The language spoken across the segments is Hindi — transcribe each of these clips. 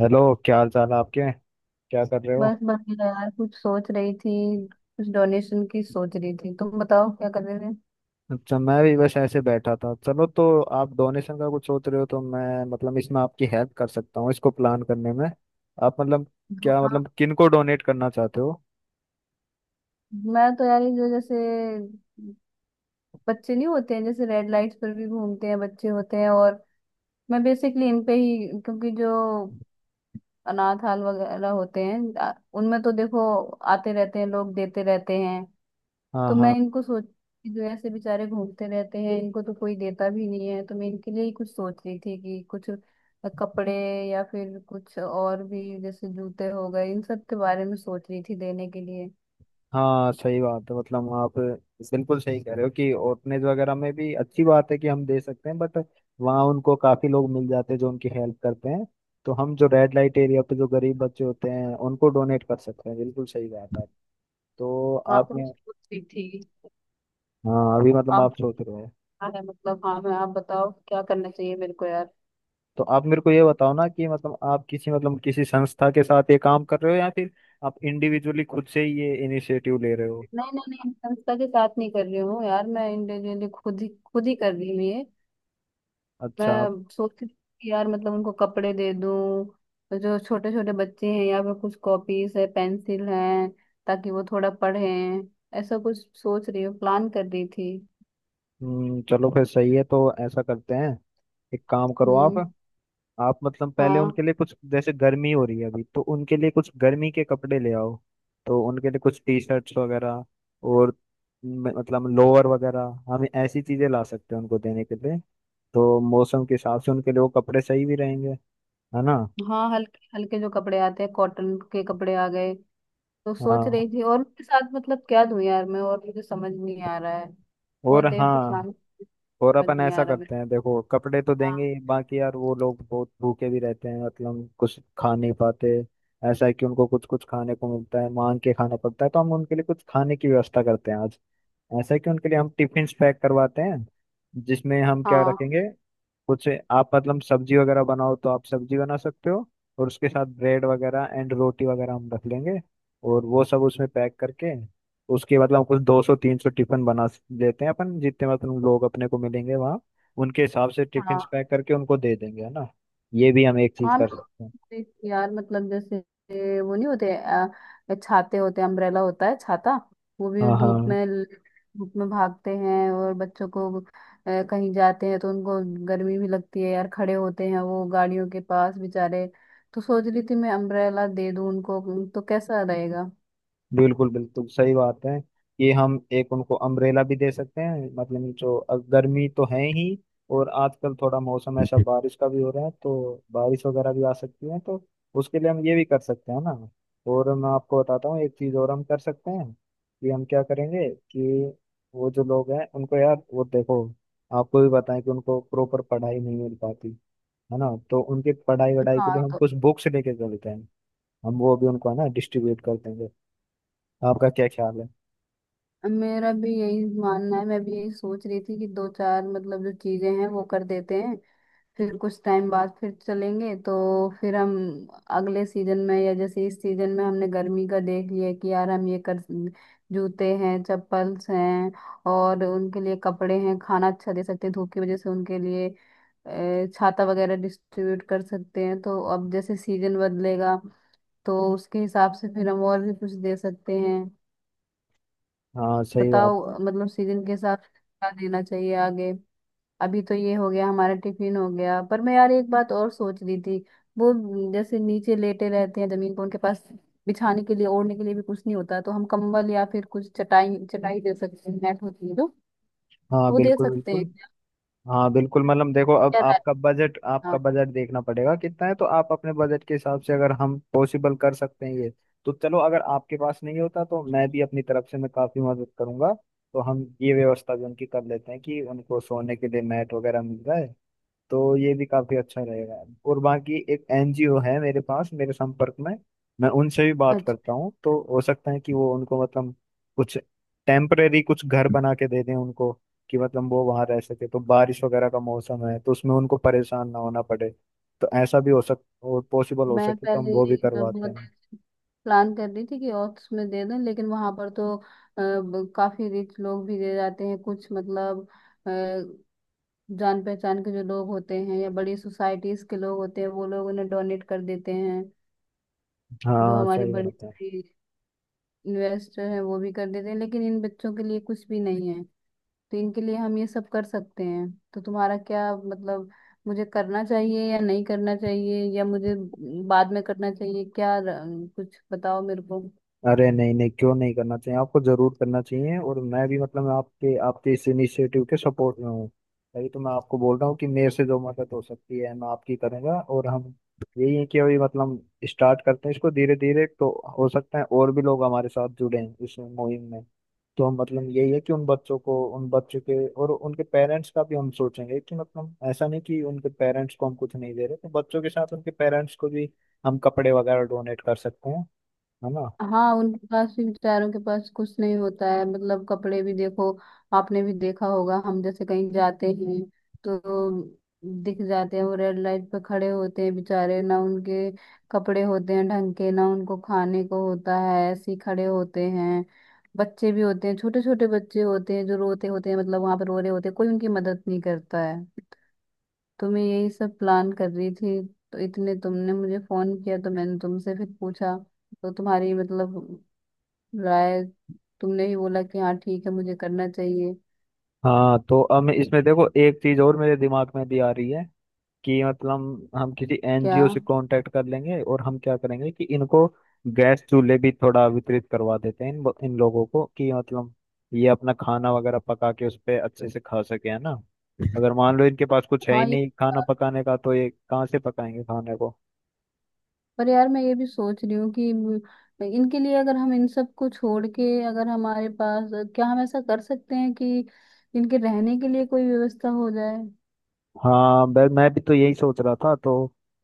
हेलो, क्या हाल चाल है आपके। क्या कर रहे हो। बस बढ़िया यार, कुछ सोच रही थी। कुछ डोनेशन की सोच रही थी। तुम बताओ क्या कर रहे थे? अच्छा, मैं भी बस ऐसे बैठा था। चलो तो आप डोनेशन का कुछ सोच रहे हो तो मैं मतलब इसमें आपकी हेल्प कर सकता हूँ इसको प्लान करने में। आप मतलब, क्या हाँ। मतलब किन को डोनेट करना चाहते हो। मैं तो यार ये जो जैसे बच्चे नहीं होते हैं जैसे रेड लाइट्स पर भी घूमते हैं बच्चे होते हैं। और मैं बेसिकली इन पे ही, क्योंकि जो अनाथ हाल वगैरह होते हैं उनमें तो देखो आते रहते हैं लोग, देते रहते हैं। हाँ, तो हाँ। मैं इनको सोच कि जो ऐसे बेचारे घूमते रहते हैं इनको तो कोई देता भी नहीं है। तो मैं इनके लिए ही कुछ सोच रही थी कि कुछ कपड़े या फिर कुछ और भी जैसे जूते हो गए, इन सब के बारे में सोच रही थी देने के लिए। हाँ, सही बात है, मतलब आप बिल्कुल सही कह रहे हो कि ऑर्फनेज वगैरह में भी अच्छी बात है कि हम दे सकते हैं, बट वहाँ उनको काफ़ी लोग मिल जाते हैं जो उनकी हेल्प करते हैं। तो हम जो रेड लाइट एरिया पे जो गरीब बच्चे होते हैं उनको डोनेट कर सकते हैं, बिल्कुल सही बात है। तो हाँ, आप, तो मैं सोच रही थी। हाँ अभी मतलब आप आप सोच रहे हो। क्या है, मतलब हाँ, मैं, आप बताओ क्या करना चाहिए मेरे को यार। तो आप मेरे को ये बताओ ना कि मतलब आप किसी, मतलब किसी संस्था के साथ ये काम कर रहे हो या फिर आप इंडिविजुअली खुद से ही ये इनिशिएटिव ले रहे हो। नहीं नहीं नहीं, संस्था के साथ नहीं कर रही हूँ यार। मैं इंडिविजुअली खुद ही कर रही हूँ ये। अच्छा आप। मैं सोचती थी कि यार मतलब उनको कपड़े दे दूं, जो छोटे छोटे बच्चे हैं, या फिर कुछ कॉपीज है पेंसिल हैं ताकि वो थोड़ा पढ़ें। ऐसा कुछ सोच रही हूँ, प्लान कर रही थी। चलो फिर सही है तो ऐसा करते हैं। एक काम करो आप। हम्म। आप मतलब पहले हाँ। उनके लिए कुछ, जैसे गर्मी हो रही है अभी तो उनके लिए कुछ गर्मी के कपड़े ले आओ। तो उनके लिए कुछ टी शर्ट्स वगैरह और मतलब लोअर वगैरह हम ऐसी चीजें ला सकते हैं उनको देने के लिए। तो मौसम के हिसाब से उनके लिए वो कपड़े सही भी रहेंगे, है ना। हाँ, हल्के हल्के जो कपड़े आते हैं, कॉटन के कपड़े आ गए, तो सोच हाँ। रही थी। और उनके साथ मतलब क्या दूं यार मैं? और मुझे समझ नहीं आ रहा है। बहुत और देर से हाँ, प्लान। और समझ अपन नहीं आ ऐसा रहा मेरे। करते हैं, देखो कपड़े तो हाँ, देंगे ही, बाकी यार वो लोग बहुत भूखे भी रहते हैं, मतलब कुछ खा नहीं पाते। ऐसा है कि उनको कुछ कुछ खाने को मिलता है, मांग के खाना पड़ता है, तो हम उनके लिए कुछ खाने की व्यवस्था करते हैं आज। ऐसा है कि उनके लिए हम टिफिन पैक करवाते हैं। जिसमें हम क्या हाँ, रखेंगे, कुछ आप मतलब सब्जी वगैरह बनाओ तो आप सब्जी बना सकते हो। और उसके साथ ब्रेड वगैरह एंड रोटी वगैरह हम रख लेंगे। और वो सब उसमें पैक करके, उसके मतलब कुछ 200 से 300 टिफिन लेते हैं अपन, जितने मतलब लोग अपने को मिलेंगे वहाँ उनके हिसाब से टिफिन हाँ। पैक करके उनको दे देंगे, है ना। ये भी हम एक चीज हाँ, मैं कर सकते हैं। देख रही यार मतलब जैसे वो नहीं होते छाते होते, अम्ब्रेला होता है, छाता। वो भी हाँ। हाँ, धूप में भागते हैं। और बच्चों को कहीं जाते हैं तो उनको गर्मी भी लगती है यार। खड़े होते हैं वो गाड़ियों के पास बेचारे। तो सोच रही थी मैं अम्ब्रेला दे दूं उनको। तो कैसा रहेगा? बिल्कुल बिल्कुल सही बात है कि हम एक उनको अम्ब्रेला भी दे सकते हैं, मतलब जो गर्मी तो है ही और आजकल थोड़ा मौसम ऐसा बारिश का भी हो रहा है, तो बारिश वगैरह भी आ सकती है। तो उसके लिए हम ये भी कर सकते हैं ना। और मैं आपको बताता हूँ एक चीज़ और हम कर सकते हैं कि हम क्या करेंगे कि वो जो लोग हैं उनको, यार वो देखो, आपको भी बताएं कि उनको प्रॉपर पढ़ाई नहीं मिल पाती, है ना। तो उनकी पढ़ाई वढ़ाई के हाँ। लिए हम तो कुछ बुक्स लेके चलते हैं। हम वो भी उनको है ना डिस्ट्रीब्यूट करते हैं। आपका क्या ख्याल है। मेरा भी यही मानना है। मैं भी यही सोच रही थी कि दो चार मतलब जो चीजें हैं वो कर देते हैं। फिर कुछ टाइम बाद फिर चलेंगे, तो फिर हम अगले सीजन में, या जैसे इस सीजन में हमने गर्मी का देख लिया कि यार हम ये कर। जूते हैं, चप्पल्स हैं, और उनके लिए कपड़े हैं, खाना अच्छा दे सकते हैं। धूप की वजह से उनके लिए छाता वगैरह डिस्ट्रीब्यूट कर सकते हैं। तो अब जैसे सीजन बदलेगा तो उसके हिसाब से फिर हम और भी कुछ दे सकते हैं। हाँ सही बात। बताओ मतलब सीजन के हिसाब से क्या देना चाहिए आगे। अभी तो ये हो गया, हमारा टिफिन हो गया, पर मैं यार एक बात और सोच रही थी। वो, जैसे नीचे लेटे रहते हैं जमीन पर, उनके पास बिछाने के लिए ओढ़ने के लिए भी कुछ नहीं होता, तो हम कंबल या फिर कुछ चटाई चटाई दे सकते हैं। नेट होती है जो, हाँ वो दे बिल्कुल, सकते हैं बिल्कुल। क्या? हाँ बिल्कुल, मतलब देखो अब क्या राय? आपका बजट हाँ। आपका बजट देखना पड़ेगा कितना है, तो आप अपने बजट के हिसाब से अगर हम पॉसिबल कर सकते हैं ये। तो चलो अगर आपके पास नहीं होता तो मैं भी अपनी तरफ से मैं काफी मदद करूंगा। तो हम ये व्यवस्था भी उनकी कर लेते हैं कि उनको सोने के लिए मैट वगैरह मिल जाए। तो ये भी काफी अच्छा रहेगा। और बाकी एक एनजीओ है मेरे पास मेरे संपर्क में, मैं उनसे भी बात अच्छा, करता हूँ। तो हो सकता है कि वो उनको मतलब कुछ टेम्परेरी कुछ घर बना के दे दें उनको, कि मतलब वो वहां रह सके। तो बारिश वगैरह का मौसम है तो उसमें उनको परेशान ना होना पड़े। तो ऐसा भी हो सक और पॉसिबल हो मैं सके तो हम पहले वो भी एक करवाते बहुत हैं। प्लान कर रही थी कि ऑक्स में दे दें, लेकिन वहां पर तो काफी रिच लोग भी दे जाते हैं कुछ, मतलब जान पहचान के जो लोग होते हैं या बड़ी सोसाइटीज के लोग होते हैं वो लोग उन्हें डोनेट कर देते हैं। जो हाँ हमारी सही बड़ी बात है। बड़ी इन्वेस्टर हैं वो भी कर देते हैं, लेकिन इन बच्चों के लिए कुछ भी नहीं है। तो इनके लिए हम ये सब कर सकते हैं। तो तुम्हारा क्या मतलब? मुझे करना चाहिए या नहीं करना चाहिए, या मुझे बाद में करना चाहिए क्या? कुछ बताओ मेरे को। अरे नहीं नहीं, क्यों नहीं करना चाहिए, आपको जरूर करना चाहिए, और मैं भी मतलब आपके आपके इस इनिशिएटिव के सपोर्ट में हूँ। तभी तो मैं आपको बोल रहा हूँ कि मेरे से जो मदद हो सकती है मैं आपकी करूँगा। और हम, यही है कि अभी मतलब स्टार्ट करते हैं इसको धीरे धीरे, तो हो सकता है और भी लोग हमारे साथ जुड़े हैं इस मुहिम में। तो हम मतलब यही है कि उन बच्चों को, उन बच्चों के और उनके पेरेंट्स का भी हम सोचेंगे, कि मतलब ऐसा नहीं कि उनके पेरेंट्स को हम कुछ नहीं दे रहे, तो बच्चों के साथ उनके पेरेंट्स को भी हम कपड़े वगैरह डोनेट कर सकते हैं, है ना। हाँ, उनके पास भी बेचारों के पास कुछ नहीं होता है। मतलब कपड़े भी देखो, आपने भी देखा होगा, हम जैसे कहीं जाते हैं तो दिख जाते हैं वो, रेड लाइट पे खड़े होते हैं बेचारे ना। उनके कपड़े होते हैं ढंग के ना, उनको खाने को होता है, ऐसे ही खड़े होते हैं। बच्चे भी होते हैं, छोटे छोटे बच्चे होते हैं जो रोते होते हैं, मतलब वहां पर रो रहे होते हैं। कोई उनकी मदद नहीं करता है। तो मैं यही सब प्लान कर रही थी। तो इतने तुमने मुझे फोन किया, तो मैंने तुमसे फिर पूछा तो, तुम्हारी मतलब राय। तुमने ही बोला कि हाँ ठीक है मुझे करना चाहिए। हाँ, तो अब मैं इसमें देखो एक चीज और मेरे दिमाग में भी आ रही है कि मतलब हम किसी क्या? एनजीओ से कांटेक्ट कर लेंगे और हम क्या करेंगे कि इनको गैस चूल्हे भी थोड़ा वितरित करवा देते हैं इन इन लोगों को, कि मतलब ये अपना खाना वगैरह पका के उस पर अच्छे से खा सके, है ना। अगर मान लो इनके पास कुछ है ही हाँ ये। नहीं खाना पकाने का तो ये कहाँ से पकाएंगे खाने को। पर यार मैं ये भी सोच रही हूँ कि इनके लिए, अगर हम इन सब को छोड़ के, अगर हमारे पास, क्या हम ऐसा कर सकते हैं कि इनके रहने के लिए कोई व्यवस्था हो जाए? हाँ, मैं भी तो यही सोच रहा था। तो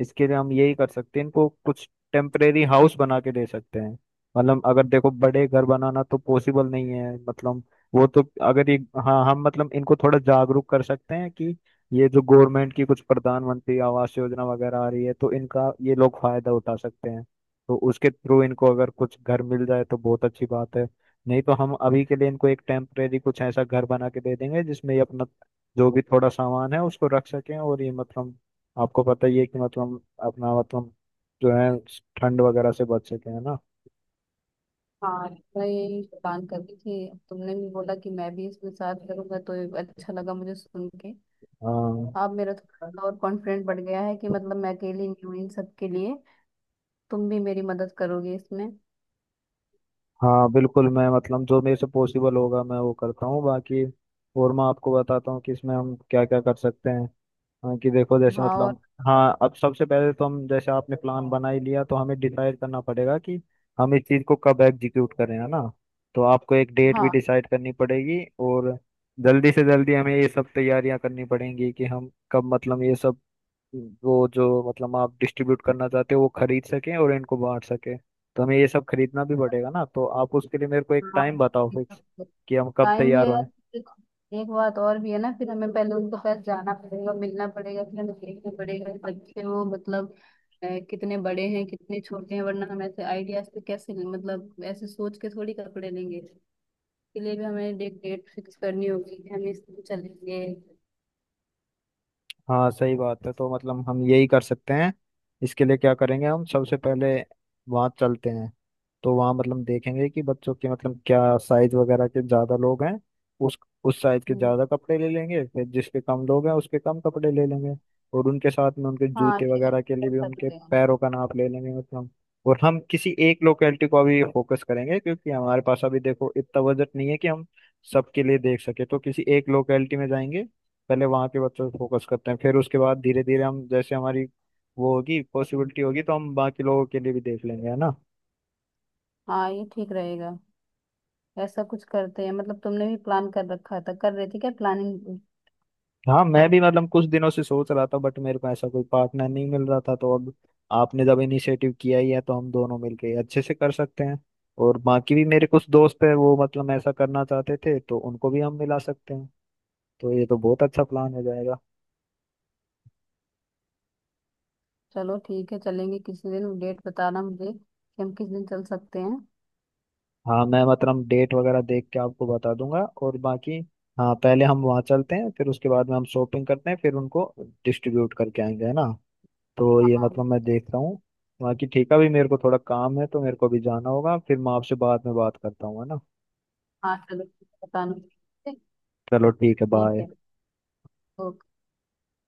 इसके लिए हम यही कर सकते हैं, इनको कुछ टेम्परेरी हाउस बना के दे सकते हैं। मतलब अगर देखो, बड़े घर बनाना तो पॉसिबल नहीं है, मतलब वो तो अगर ये, हाँ हम मतलब इनको थोड़ा जागरूक कर सकते हैं कि ये जो गवर्नमेंट की कुछ प्रधानमंत्री आवास योजना वगैरह आ रही है तो इनका ये लोग फायदा उठा सकते हैं। तो उसके थ्रू इनको अगर कुछ घर मिल जाए तो बहुत अच्छी बात है। नहीं तो हम अभी के लिए इनको एक टेम्परेरी कुछ ऐसा घर बना के दे देंगे जिसमें ये अपना जो भी थोड़ा सामान है उसको रख सकें, और ये मतलब आपको पता ही है कि मतलब अपना मतलब जो है, ठंड वगैरह से बच सके, है ना। हाँ, मैं यही प्लान कर रही थी। अब तुमने भी बोला कि मैं भी इसमें साथ करूंगा, तो अच्छा लगा मुझे सुन के। हाँ, अब मेरा थोड़ा और कॉन्फिडेंट बढ़ गया है कि मतलब मैं अकेली नहीं हूँ इन सब के लिए। तुम भी मेरी मदद करोगे इसमें। हाँ बिल्कुल मैं मतलब जो मेरे से पॉसिबल होगा मैं वो करता हूँ बाकी। और मैं आपको बताता हूँ कि इसमें हम क्या क्या कर सकते हैं। हाँ कि देखो जैसे हाँ और। मतलब, हाँ अब सबसे पहले तो हम, जैसे आपने प्लान बना ही लिया, तो हमें डिसाइड करना पड़ेगा कि हम इस चीज़ को कब एग्जीक्यूट करें, है ना। तो आपको एक डेट भी हाँ। डिसाइड करनी पड़ेगी। और जल्दी से जल्दी हमें ये सब तैयारियां करनी पड़ेंगी कि हम कब मतलब ये सब, वो जो मतलब आप डिस्ट्रीब्यूट करना चाहते हो वो खरीद सकें और इनको बांट सकें। तो हमें ये सब खरीदना भी पड़ेगा ना, तो आप उसके लिए मेरे को एक हाँ, टाइम बताओ फिक्स, कि हम कब टाइम भी तैयार है हों। यार। एक बात और भी है ना, फिर हमें पहले उनके पास जाना पड़ेगा, मिलना पड़ेगा, फिर हमें देखना पड़ेगा कि बच्चे वो मतलब कितने बड़े हैं कितने छोटे हैं, वरना हम ऐसे आइडियाज से कैसे, मतलब ऐसे सोच के थोड़ी कपड़े लेंगे। इसके लिए भी हमें डेट डेट फिक्स करनी होगी कि हम इस दिन चलेंगे। हाँ सही बात है, तो मतलब हम यही कर सकते हैं। इसके लिए क्या करेंगे, हम सबसे पहले वहाँ चलते हैं। तो वहाँ मतलब देखेंगे कि बच्चों के मतलब क्या साइज वगैरह के ज़्यादा लोग हैं, उस उस साइज के हम्म। ज़्यादा कपड़े ले लेंगे, फिर जिसके कम लोग हैं उसके कम कपड़े ले लेंगे। और उनके साथ में उनके हाँ, जूते ये ऐसा वगैरह के लिए भी कर उनके सकते हैं। पैरों का नाप ले लेंगे मतलब। और हम किसी एक लोकेलिटी को अभी फोकस करेंगे क्योंकि हमारे पास अभी देखो इतना बजट नहीं है कि हम सबके लिए देख सके, तो किसी एक लोकेलिटी में जाएंगे, पहले वहाँ के बच्चों पे फोकस करते हैं। फिर उसके बाद धीरे धीरे हम, जैसे हमारी वो होगी, पॉसिबिलिटी होगी तो हम बाकी लोगों के लिए भी देख लेंगे, है ना। हाँ, ये ठीक रहेगा। ऐसा कुछ करते हैं। मतलब तुमने भी प्लान कर रखा था, कर रही थी क्या प्लानिंग? हाँ मैं भी मतलब कुछ दिनों से सोच रहा था, बट मेरे को ऐसा कोई पार्टनर नहीं मिल रहा था। तो अब आपने जब इनिशिएटिव किया ही है तो हम दोनों मिलके अच्छे से कर सकते हैं। और बाकी भी मेरे कुछ दोस्त है वो मतलब ऐसा करना चाहते थे, तो उनको भी हम मिला सकते हैं। तो ये तो बहुत अच्छा प्लान हो जाएगा। चलो ठीक है, चलेंगे किसी दिन। डेट बताना मुझे कि हम किस दिन चल सकते हैं। हाँ मैं मतलब डेट वगैरह देख के आपको बता दूंगा। और बाकी, हाँ पहले हम वहाँ चलते हैं, फिर उसके बाद में हम शॉपिंग करते हैं, फिर उनको डिस्ट्रीब्यूट करके आएंगे, है ना। तो ये हाँ। मतलब मैं देख रहा हूँ। बाकी ठीक है, अभी मेरे को थोड़ा काम है तो मेरे को भी जाना होगा, फिर मैं आपसे बाद में बात करता हूँ, है ना। हाँ चलो। बताना। चलो ठीक है, ठीक बाय। है। ओके।